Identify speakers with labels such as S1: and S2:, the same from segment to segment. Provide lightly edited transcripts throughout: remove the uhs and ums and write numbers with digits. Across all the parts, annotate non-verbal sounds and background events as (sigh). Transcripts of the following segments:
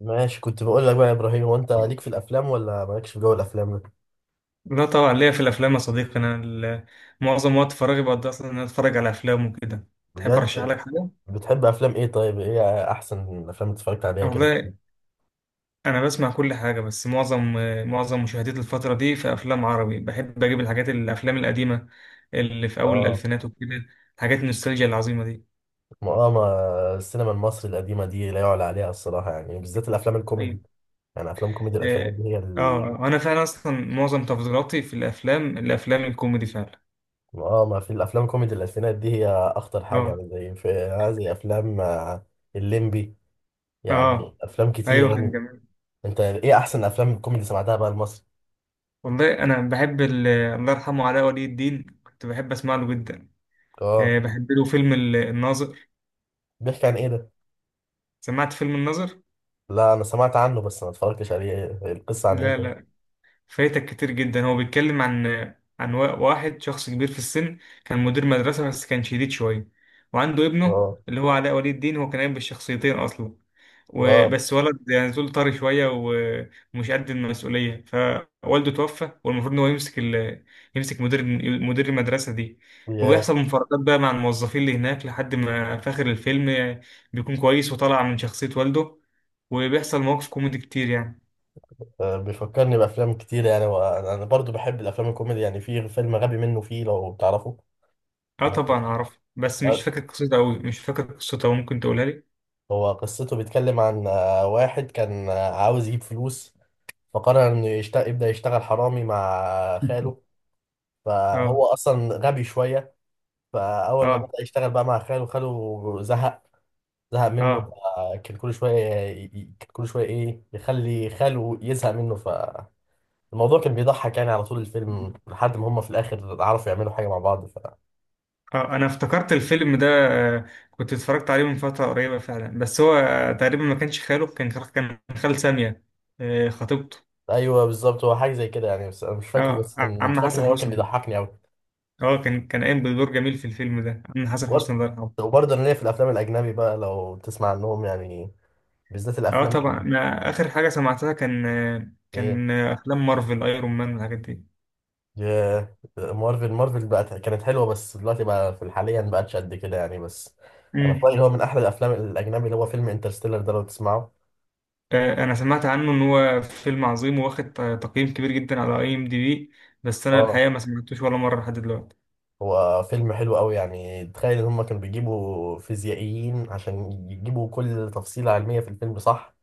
S1: ماشي، كنت بقول لك بقى يا ابراهيم، هو انت ليك في الافلام ولا مالكش في جو الافلام ده؟
S2: لا، طبعا ليا في الافلام يا صديقي. معظم وقت فراغي بقضي اصلا ان انا اتفرج على افلام وكده. تحب ارشح
S1: بجد؟
S2: لك حاجه؟
S1: بتحب افلام ايه؟ طيب ايه احسن الافلام اللي اتفرجت عليها كده؟
S2: والله، انا بسمع كل حاجه بس معظم مشاهدتي الفتره دي في افلام عربي. بحب اجيب الحاجات الافلام القديمه اللي في اول
S1: اه.
S2: الالفينات وكده، حاجات النوستالجيا العظيمه دي.
S1: ما السينما المصري القديمه دي لا يعلى عليها الصراحه، يعني بالذات الافلام
S2: ايوه،
S1: الكوميدي. يعني افلام كوميدي الالفينات
S2: اه.
S1: دي هي.
S2: انا فعلا اصلا معظم تفضيلاتي في الافلام الكوميدي فعلا.
S1: اه، ما في الافلام كوميدي الالفينات دي هي اخطر حاجه،
S2: اه،
S1: يعني زي في هذه افلام الليمبي. يعني
S2: اه،
S1: افلام كتيره
S2: ايوه، كان
S1: يعني.
S2: جميل.
S1: انت ايه احسن افلام كوميدي سمعتها بقى المصري؟
S2: والله، انا بحب الله يرحمه علاء ولي الدين، كنت بحب اسمع له جدا.
S1: اه.
S2: بحب له فيلم الناظر.
S1: بيحكي عن ايه ده؟
S2: سمعت فيلم الناظر؟
S1: لا، انا سمعت عنه بس ما اتفرجتش عليه. القصه عن ايه
S2: لا،
S1: ده؟
S2: لا، فايتك كتير جدا. هو بيتكلم عن واحد شخص كبير في السن، كان مدير مدرسة بس كان شديد شوية، وعنده ابنه
S1: اه،
S2: اللي هو علاء ولي الدين. هو كان قايم بالشخصيتين أصلا.
S1: اه.
S2: وبس ولد يعني زول طري شوية ومش قد المسؤولية، فوالده توفى والمفروض إن هو يمسك مدير المدرسة دي.
S1: ياه.
S2: وبيحصل مفارقات بقى مع الموظفين اللي هناك لحد ما في آخر الفيلم بيكون كويس وطالع من شخصية والده، وبيحصل مواقف كوميدي كتير يعني.
S1: بيفكرني بافلام كتير يعني، وانا أنا برضو بحب الافلام الكوميدي، يعني في فيلم غبي منه فيه لو تعرفه.
S2: اه
S1: آه،
S2: طبعا اعرف بس
S1: آه،
S2: مش فاكر قصته أوي. ممكن تقولها لي؟
S1: هو قصته بيتكلم عن واحد كان عاوز يجيب فلوس، فقرر انه يبدا يشتغل حرامي مع خاله.
S2: (laughs) اه،
S1: فهو اصلا غبي شويه. فاول ما
S2: اه،
S1: بدا يشتغل بقى مع خاله زهق، زهق منه.
S2: اه،
S1: فكان كل شوية ي- ي- كان كل شوية إيه يخلي خاله يزهق منه، فالموضوع كان بيضحك يعني على طول الفيلم لحد ما هما في الآخر عرفوا يعملوا حاجة مع بعض.
S2: اه. انا افتكرت الفيلم ده. آه، كنت اتفرجت عليه من فترة قريبة فعلا، بس هو تقريبا ما كانش خاله، كان خال سامية، خطيبته.
S1: أيوه، بالظبط، هو حاجة زي كده يعني، بس أنا مش فاكره،
S2: اه،
S1: بس كان مش
S2: عم
S1: فاكر إن
S2: حسن
S1: هو كان
S2: حسني.
S1: بيضحكني أوي.
S2: اه، كان قايم بدور جميل في الفيلم ده، عم حسن
S1: وبر-
S2: حسني الله يرحمه.
S1: وبرضه أنا ليا في الأفلام الأجنبي بقى لو تسمع عنهم يعني، بالذات
S2: اه
S1: الأفلام
S2: طبعا،
S1: اللي...
S2: انا اخر حاجة سمعتها كان آه،
S1: إيه؟
S2: كان آه، افلام مارفل ايرون مان والحاجات دي.
S1: ياه، مارفل بقت كانت حلوة، بس دلوقتي بقى في الحاليا بقتش قد كده يعني. بس أنا في رأيي اللي هو من أحلى الأفلام الأجنبي اللي هو فيلم انترستيلر ده، لو تسمعه.
S2: انا سمعت عنه ان هو فيلم عظيم واخد تقييم كبير جدا على IMDb، بس انا
S1: اه،
S2: الحقيقه ما سمعتوش ولا مره لحد دلوقتي.
S1: هو فيلم حلو قوي يعني. تخيل ان هم كانوا بيجيبوا فيزيائيين عشان يجيبوا كل تفصيلة علمية في الفيلم، صح؟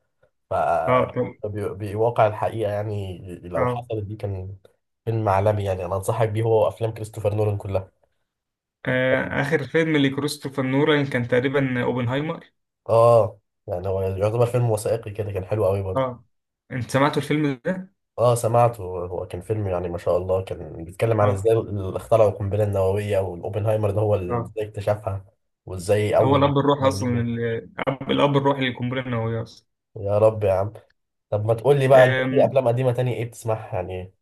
S1: ف
S2: اه، طب،
S1: بيواقع الحقيقة، يعني لو
S2: اه.
S1: حصلت دي كان فيلم عالمي يعني. انا انصحك بيه، هو افلام كريستوفر نولان كلها.
S2: اخر فيلم لكريستوفر نولان كان تقريبا اوبنهايمر.
S1: اه، يعني هو يعتبر فيلم وثائقي كده، كان حلو قوي برضه.
S2: اه، انت سمعتوا الفيلم ده؟
S1: اه، سمعته. هو كان فيلم يعني ما شاء الله، كان بيتكلم عن
S2: اه،
S1: ازاي اخترعوا القنبلة النووية، والاوبنهايمر ده هو
S2: اه.
S1: ازاي اكتشفها. وازاي
S2: هو
S1: اول...
S2: الاب الروحي اصلا،
S1: مين؟
S2: الاب الروحي للقنبله النوويه اصلا.
S1: يا رب يا عم. طب ما تقول لي بقى، انت في
S2: آم،
S1: افلام قديمه تانية ايه بتسمعها يعني؟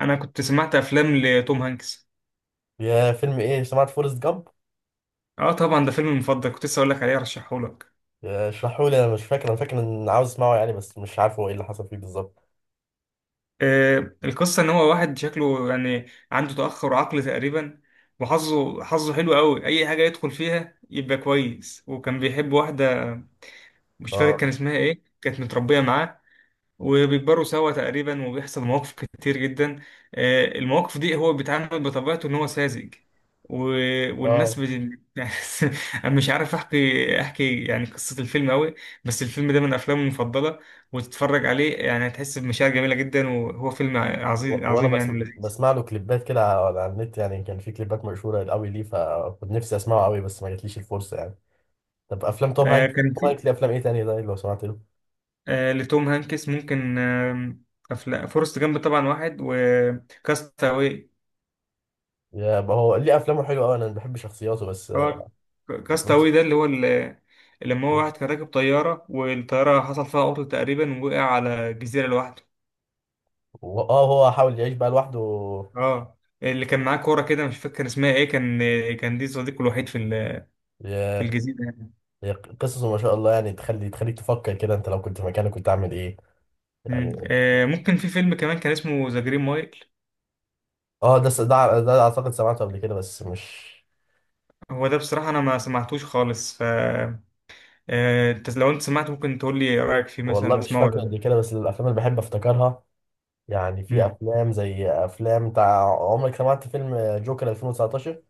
S2: انا كنت سمعت افلام لتوم هانكس.
S1: يا فيلم ايه، سمعت فورست جامب؟
S2: اه طبعا، ده فيلمي المفضل، كنت لسه اقول لك عليه ارشحه لك.
S1: اشرحوا لي، انا مش فاكر. انا فاكر ان عاوز اسمعه يعني، بس مش عارف هو ايه اللي حصل فيه بالظبط.
S2: القصة إن هو واحد شكله يعني عنده تأخر عقلي تقريبا، وحظه حلو قوي. أي حاجة يدخل فيها يبقى كويس، وكان بيحب واحدة، مش فاكر كان
S1: اه،
S2: اسمها إيه، كانت متربية معاه، وبيكبروا سوا تقريبا، وبيحصل مواقف كتير جدا. المواقف دي هو بيتعامل بطبيعته ان هو ساذج و... والناس
S1: اه.
S2: بت... (laughs) يعني، انا مش عارف احكي يعني قصة الفيلم قوي، بس الفيلم ده من افلامي المفضلة، وتتفرج عليه يعني هتحس بمشاعر جميلة جدا، وهو فيلم عظيم
S1: وانا
S2: عظيم يعني ولذيذ.
S1: بسمع له كليبات كده على النت يعني، كان في كليبات مشهوره قوي ليه، فكنت نفسي اسمعه قوي بس ما جاتليش الفرصه يعني. طب افلام توم
S2: آه،
S1: هانكس
S2: كان
S1: توم
S2: في
S1: هانكس ليه افلام ايه تانية ده لو سمعت له؟
S2: آه، لتوم هانكس فورست جامب طبعا واحد، وكاستاوي.
S1: يا ما هو ليه افلامه حلوه قوي، انا بحب شخصياته بس.
S2: هو
S1: بس-
S2: كاستاوي ده اللي لما هو واحد كان راكب طيارة والطيارة حصل فيها عطل تقريبا، ووقع على جزيرة لوحده.
S1: اه، هو حاول يعيش بقى لوحده.
S2: اه، اللي كان معاه كورة كده، مش فاكر كان اسمها ايه، كان دي صديقه الوحيد في الجزيرة يعني.
S1: هي قصصه ما شاء الله يعني، تخليك تفكر كده، انت لو كنت في مكانك كنت عامل ايه يعني؟
S2: ممكن في فيلم كمان كان اسمه ذا جرين مايل.
S1: اه، ده س- ده ده اعتقد سمعته قبل كده بس مش.
S2: هو ده بصراحة أنا ما سمعتوش خالص. ف آه، أنت لو سمعته ممكن تقول لي رأيك فيه،
S1: والله
S2: مثلا
S1: مش
S2: أسمعه ولا
S1: فاكره قبل
S2: لأ.
S1: كده. بس الافلام اللي بحب افتكرها، يعني في
S2: مم.
S1: افلام زي افلام بتاع عمرك، سمعت فيلم جوكر 2019؟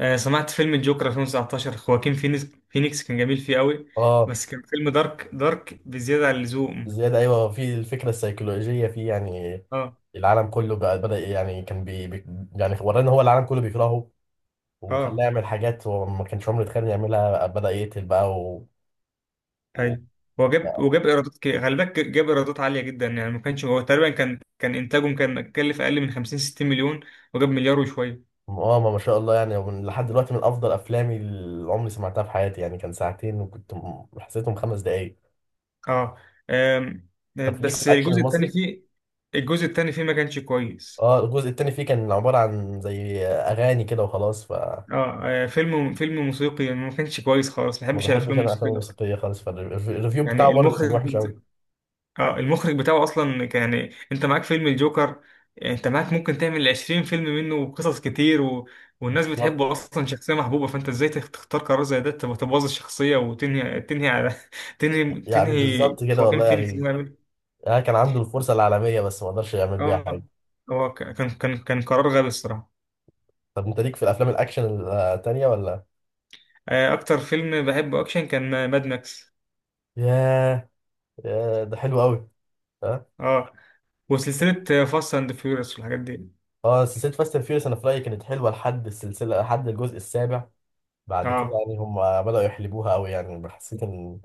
S2: سمعت فيلم الجوكر 2019. خواكين فينيكس كان جميل فيه قوي،
S1: اه،
S2: بس كان فيلم دارك دارك بزيادة عن اللزوم.
S1: زياده. ايوه، في الفكره السيكولوجيه فيه يعني.
S2: اه،
S1: العالم كله بقى بدأ، يعني يعني ورانا، هو العالم كله بيكرهه وخلاه
S2: اه،
S1: يعمل حاجات هو ما كانش عمره يتخيل إنه يعملها، بدأ يقتل بقى.
S2: ايوه. هو جاب وجاب ايرادات كي- خلي بالك، جاب ايرادات عالية جدا يعني. ما كانش هو تقريبا، كان انتاجه كان كلف اقل من 50 60 مليون، وجاب مليار وشوية.
S1: اه، ما شاء الله يعني. لحد دلوقتي من افضل افلامي اللي عمري سمعتها في حياتي يعني. كان ساعتين وكنت حسيتهم 5 دقايق.
S2: اه. آم،
S1: طب ليك في
S2: بس
S1: الاكشن
S2: الجزء الثاني
S1: المصري؟
S2: فيه الجزء الثاني فيه ما كانش كويس.
S1: اه، الجزء التاني فيه كان عباره عن زي اغاني كده وخلاص، ف
S2: اه، فيلم موسيقي يعني، ما كانش كويس خالص، ما
S1: ما
S2: بحبش
S1: بحبش
S2: الافلام
S1: انا الافلام
S2: الموسيقية اصلا.
S1: الموسيقيه خالص، فالريفيو بتاعه
S2: يعني
S1: برضه كان
S2: المخرج
S1: وحش قوي.
S2: اه المخرج بتاعه اصلا، يعني انت معاك فيلم الجوكر، يعني انت معاك ممكن تعمل 20 فيلم منه وقصص كتير. والناس
S1: بالظبط،
S2: بتحبه اصلا، شخصيه محبوبه، فانت ازاي تختار قرار زي ده، تبوظ الشخصيه وتنهي على (laughs) تنهي
S1: يعني
S2: تنهي
S1: بالظبط كده
S2: خواكين
S1: والله
S2: فينيكس إنه
S1: يعني.
S2: يعمل-
S1: كان عنده الفرصه العالميه بس ما قدرش يعمل بيها
S2: اه،
S1: حاجه.
S2: هو، كان قرار غبي الصراحه.
S1: طب انت ليك في الافلام الاكشن التانيه ولا؟
S2: اكتر فيلم بحبه اكشن كان ماد ماكس.
S1: ياه. ياه، ده حلو قوي.
S2: اه، وسلسله فاست اند فيوريوس والحاجات دي.
S1: اه، سلسلة فاست اند فيوريوس انا في رأيي كانت حلوة لحد الجزء السابع. بعد كده
S2: اه.
S1: يعني هم بدأوا يحلبوها قوي، يعني حسيت ان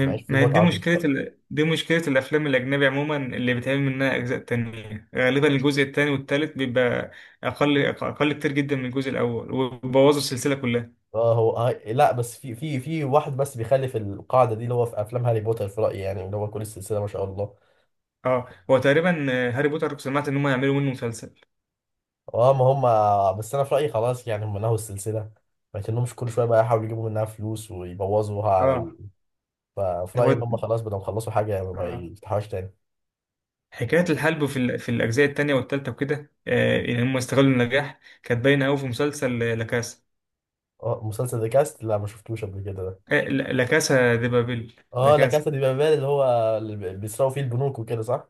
S1: مبقاش في
S2: ما هي دي
S1: متعة
S2: دي مشكلة الأفلام الأجنبي عموما، اللي بيتعمل منها أجزاء تانية غالبا الجزء التاني والتالت بيبقى أقل أقل كتير جدا من الجزء الأول، وبوظوا السلسلة كلها.
S1: اه. هو لا، بس في واحد بس بيخالف القاعدة دي، اللي هو في افلام هاري بوتر في رأيي يعني، اللي هو كل السلسلة ما شاء الله.
S2: اه، هو تقريبا، هاري بوتر سمعت إن هم يعملوا منه مسلسل.
S1: اه، ما هم. بس انا في رأيي خلاص يعني هم نهوا السلسلة، ما يتنهمش كل شوية بقى يحاولوا يجيبوا منها فلوس ويبوظوها على
S2: اه.
S1: ال... ففي رأيي ان
S2: هو
S1: هم خلاص بدهم يخلصوا حاجة ما
S2: آه.
S1: يفتحوهاش تاني.
S2: حكاية في الأجزاء التانية والتالتة وكده، إن هم استغلوا النجاح كانت باينة أوي في مسلسل آه، لا كاسا
S1: مسلسل ذا كاست لا ما شفتوش قبل كده ده.
S2: آه، لا كاسا دي بابل، لا
S1: اه، لا
S2: كاسا.
S1: كاسا دي بابيل، اللي بيسرقوا فيه البنوك وكده، صح؟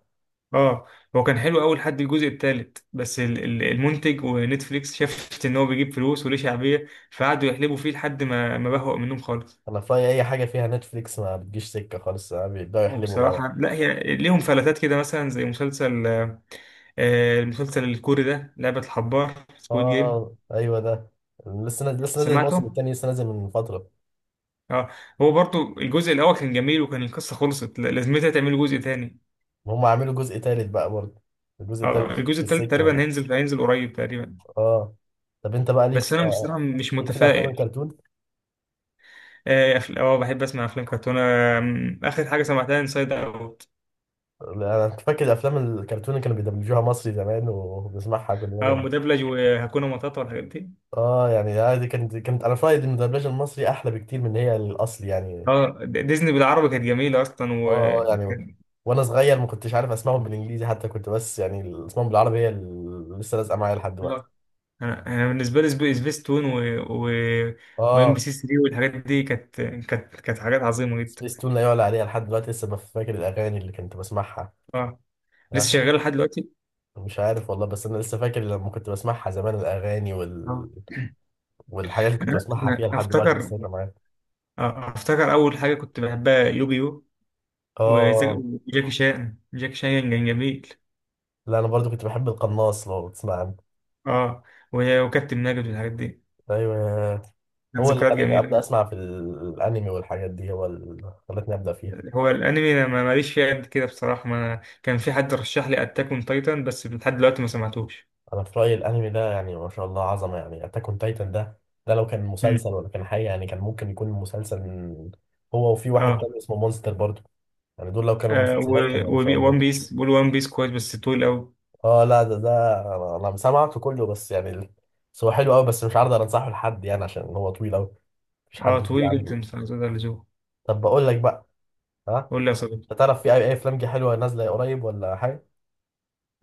S2: اه، هو كان حلو اول حد الجزء التالت، بس المنتج ونتفليكس شافت ان هو بيجيب فلوس وليه شعبيه، فقعدوا يحلبوا فيه لحد ما ما بهوأ منهم خالص.
S1: انا في رأيي اي حاجه فيها نتفليكس ما بتجيش سكه خالص. بيبداوا يحلبوا بقى.
S2: وبصراحه لا، هي ليهم فلتات كده، مثلا زي مسلسل المسلسل الكوري ده، لعبه الحبار، سكويد جيم.
S1: اه، ايوه ده. لسه نازل الموسم
S2: سمعته؟
S1: الثاني لسه نازل من فتره.
S2: اه، هو برضو الجزء الاول كان جميل، وكان القصه خلصت، لازمتها تعملوا جزء تاني.
S1: هم عملوا جزء ثالث بقى برضه. الجزء
S2: اه،
S1: الثالث
S2: الجزء
S1: في
S2: التالت
S1: السكه
S2: تقريبا
S1: برضه.
S2: هينزل قريب تقريبا،
S1: اه. طب انت بقى ليك
S2: بس
S1: في
S2: انا بصراحه مش
S1: ليك في الافلام
S2: متفائل.
S1: الكرتون؟
S2: اه. بحب اسمع افلام كرتون. اخر حاجه سمعتها انسايد اوت.
S1: انا كنت فاكر الافلام الكرتون اللي كانوا بيدبلجوها مصري زمان وبنسمعها كلنا
S2: اه،
S1: كانت...
S2: مدبلج، وهاكونا ماتاتا والحاجات دي.
S1: اه، يعني، دي كانت انا في رأيي إن الدبلجه المصري احلى بكتير من هي الاصلي يعني.
S2: اه، ديزني بالعربي كانت جميله اصلا.
S1: اه، يعني
S2: وكان
S1: وانا صغير ما كنتش عارف اسمعهم بالانجليزي حتى، كنت بس يعني الاسمهم بالعربي هي اللي لسه لازقه معايا لحد دلوقتي.
S2: آه، انا بالنسبه لي، سبيس تون و وام بي
S1: اه،
S2: سي 3 والحاجات دي، كانت حاجات عظيمه جدا.
S1: سبيس تون لا يعلى عليها لحد دلوقتي، لسه فاكر الاغاني اللي كنت بسمعها.
S2: اه، لسه
S1: آه،
S2: شغال لحد دلوقتي.
S1: مش عارف والله، بس انا لسه فاكر لما كنت بسمعها زمان الاغاني.
S2: اه.
S1: والحاجات اللي كنت
S2: أنا-
S1: بسمعها فيها
S2: أنا
S1: لحد دلوقتي لسه
S2: افتكر،
S1: فاكرة معايا.
S2: افتكر اول حاجه كنت بحبها يوجيو،
S1: اه،
S2: وجاكي شان، جاكي شان كان جميل.
S1: لا انا برضو كنت بحب القناص لو بتسمع عنه.
S2: اه، وكابتن ماجد والحاجات دي،
S1: ايوه،
S2: كانت
S1: هو اللي
S2: ذكريات
S1: خلاني ابدا
S2: جميلة.
S1: اسمع في الانمي والحاجات دي، هو اللي خلتني ابدا فيها.
S2: هو الأنمي أنا ماليش فيه قد كده بصراحة. ما أنا كان في حد رشح لي أتاك أون تايتن، بس لحد دلوقتي ما سمعتوش.
S1: انا في رايي الانمي ده يعني ما شاء الله عظمه يعني، اتاك اون تايتن ده، ده لو كان مسلسل
S2: مم.
S1: ولا كان حاجه يعني، كان ممكن يكون مسلسل. هو وفي واحد
S2: آه,
S1: تاني اسمه مونستر برضه. يعني دول لو كانوا
S2: آه
S1: مسلسلات كانوا ما شاء
S2: وون
S1: الله.
S2: بيس بقول وان بيس كويس بس طويل أوي.
S1: اه، لا، ده أنا سمعته كله، بس يعني بس هو حلو قوي، بس مش عارض انصحه لحد يعني عشان هو طويل قوي. مش حد
S2: آه،
S1: بيه
S2: طويل
S1: عنده.
S2: جدا، فزاد عن اللزوم.
S1: طب بقول لك بقى. ها.
S2: قول لي يا
S1: انت
S2: صديقي.
S1: تعرف في أي افلام جه حلوه نازله قريب ولا حاجه؟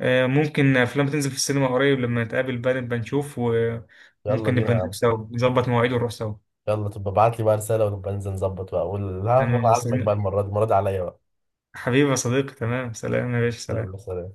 S2: ممكن أفلام تنزل في السينما قريب، لما نتقابل بقى نبقى نشوف،
S1: يلا
S2: وممكن
S1: بينا
S2: نبقى
S1: يا
S2: نروح
S1: عم.
S2: سوا، نظبط مواعيد ونروح سوا.
S1: يلا تبقى ابعت لي بقى رساله ونبقى ننزل نظبط بقى، اقول ها،
S2: أنا
S1: وانا عازمك بقى،
S2: مستني.
S1: المره دي، المره دي عليا بقى.
S2: حبيبي يا صديقي، تمام، سلام يا باشا،
S1: يلا
S2: سلام.
S1: سلام.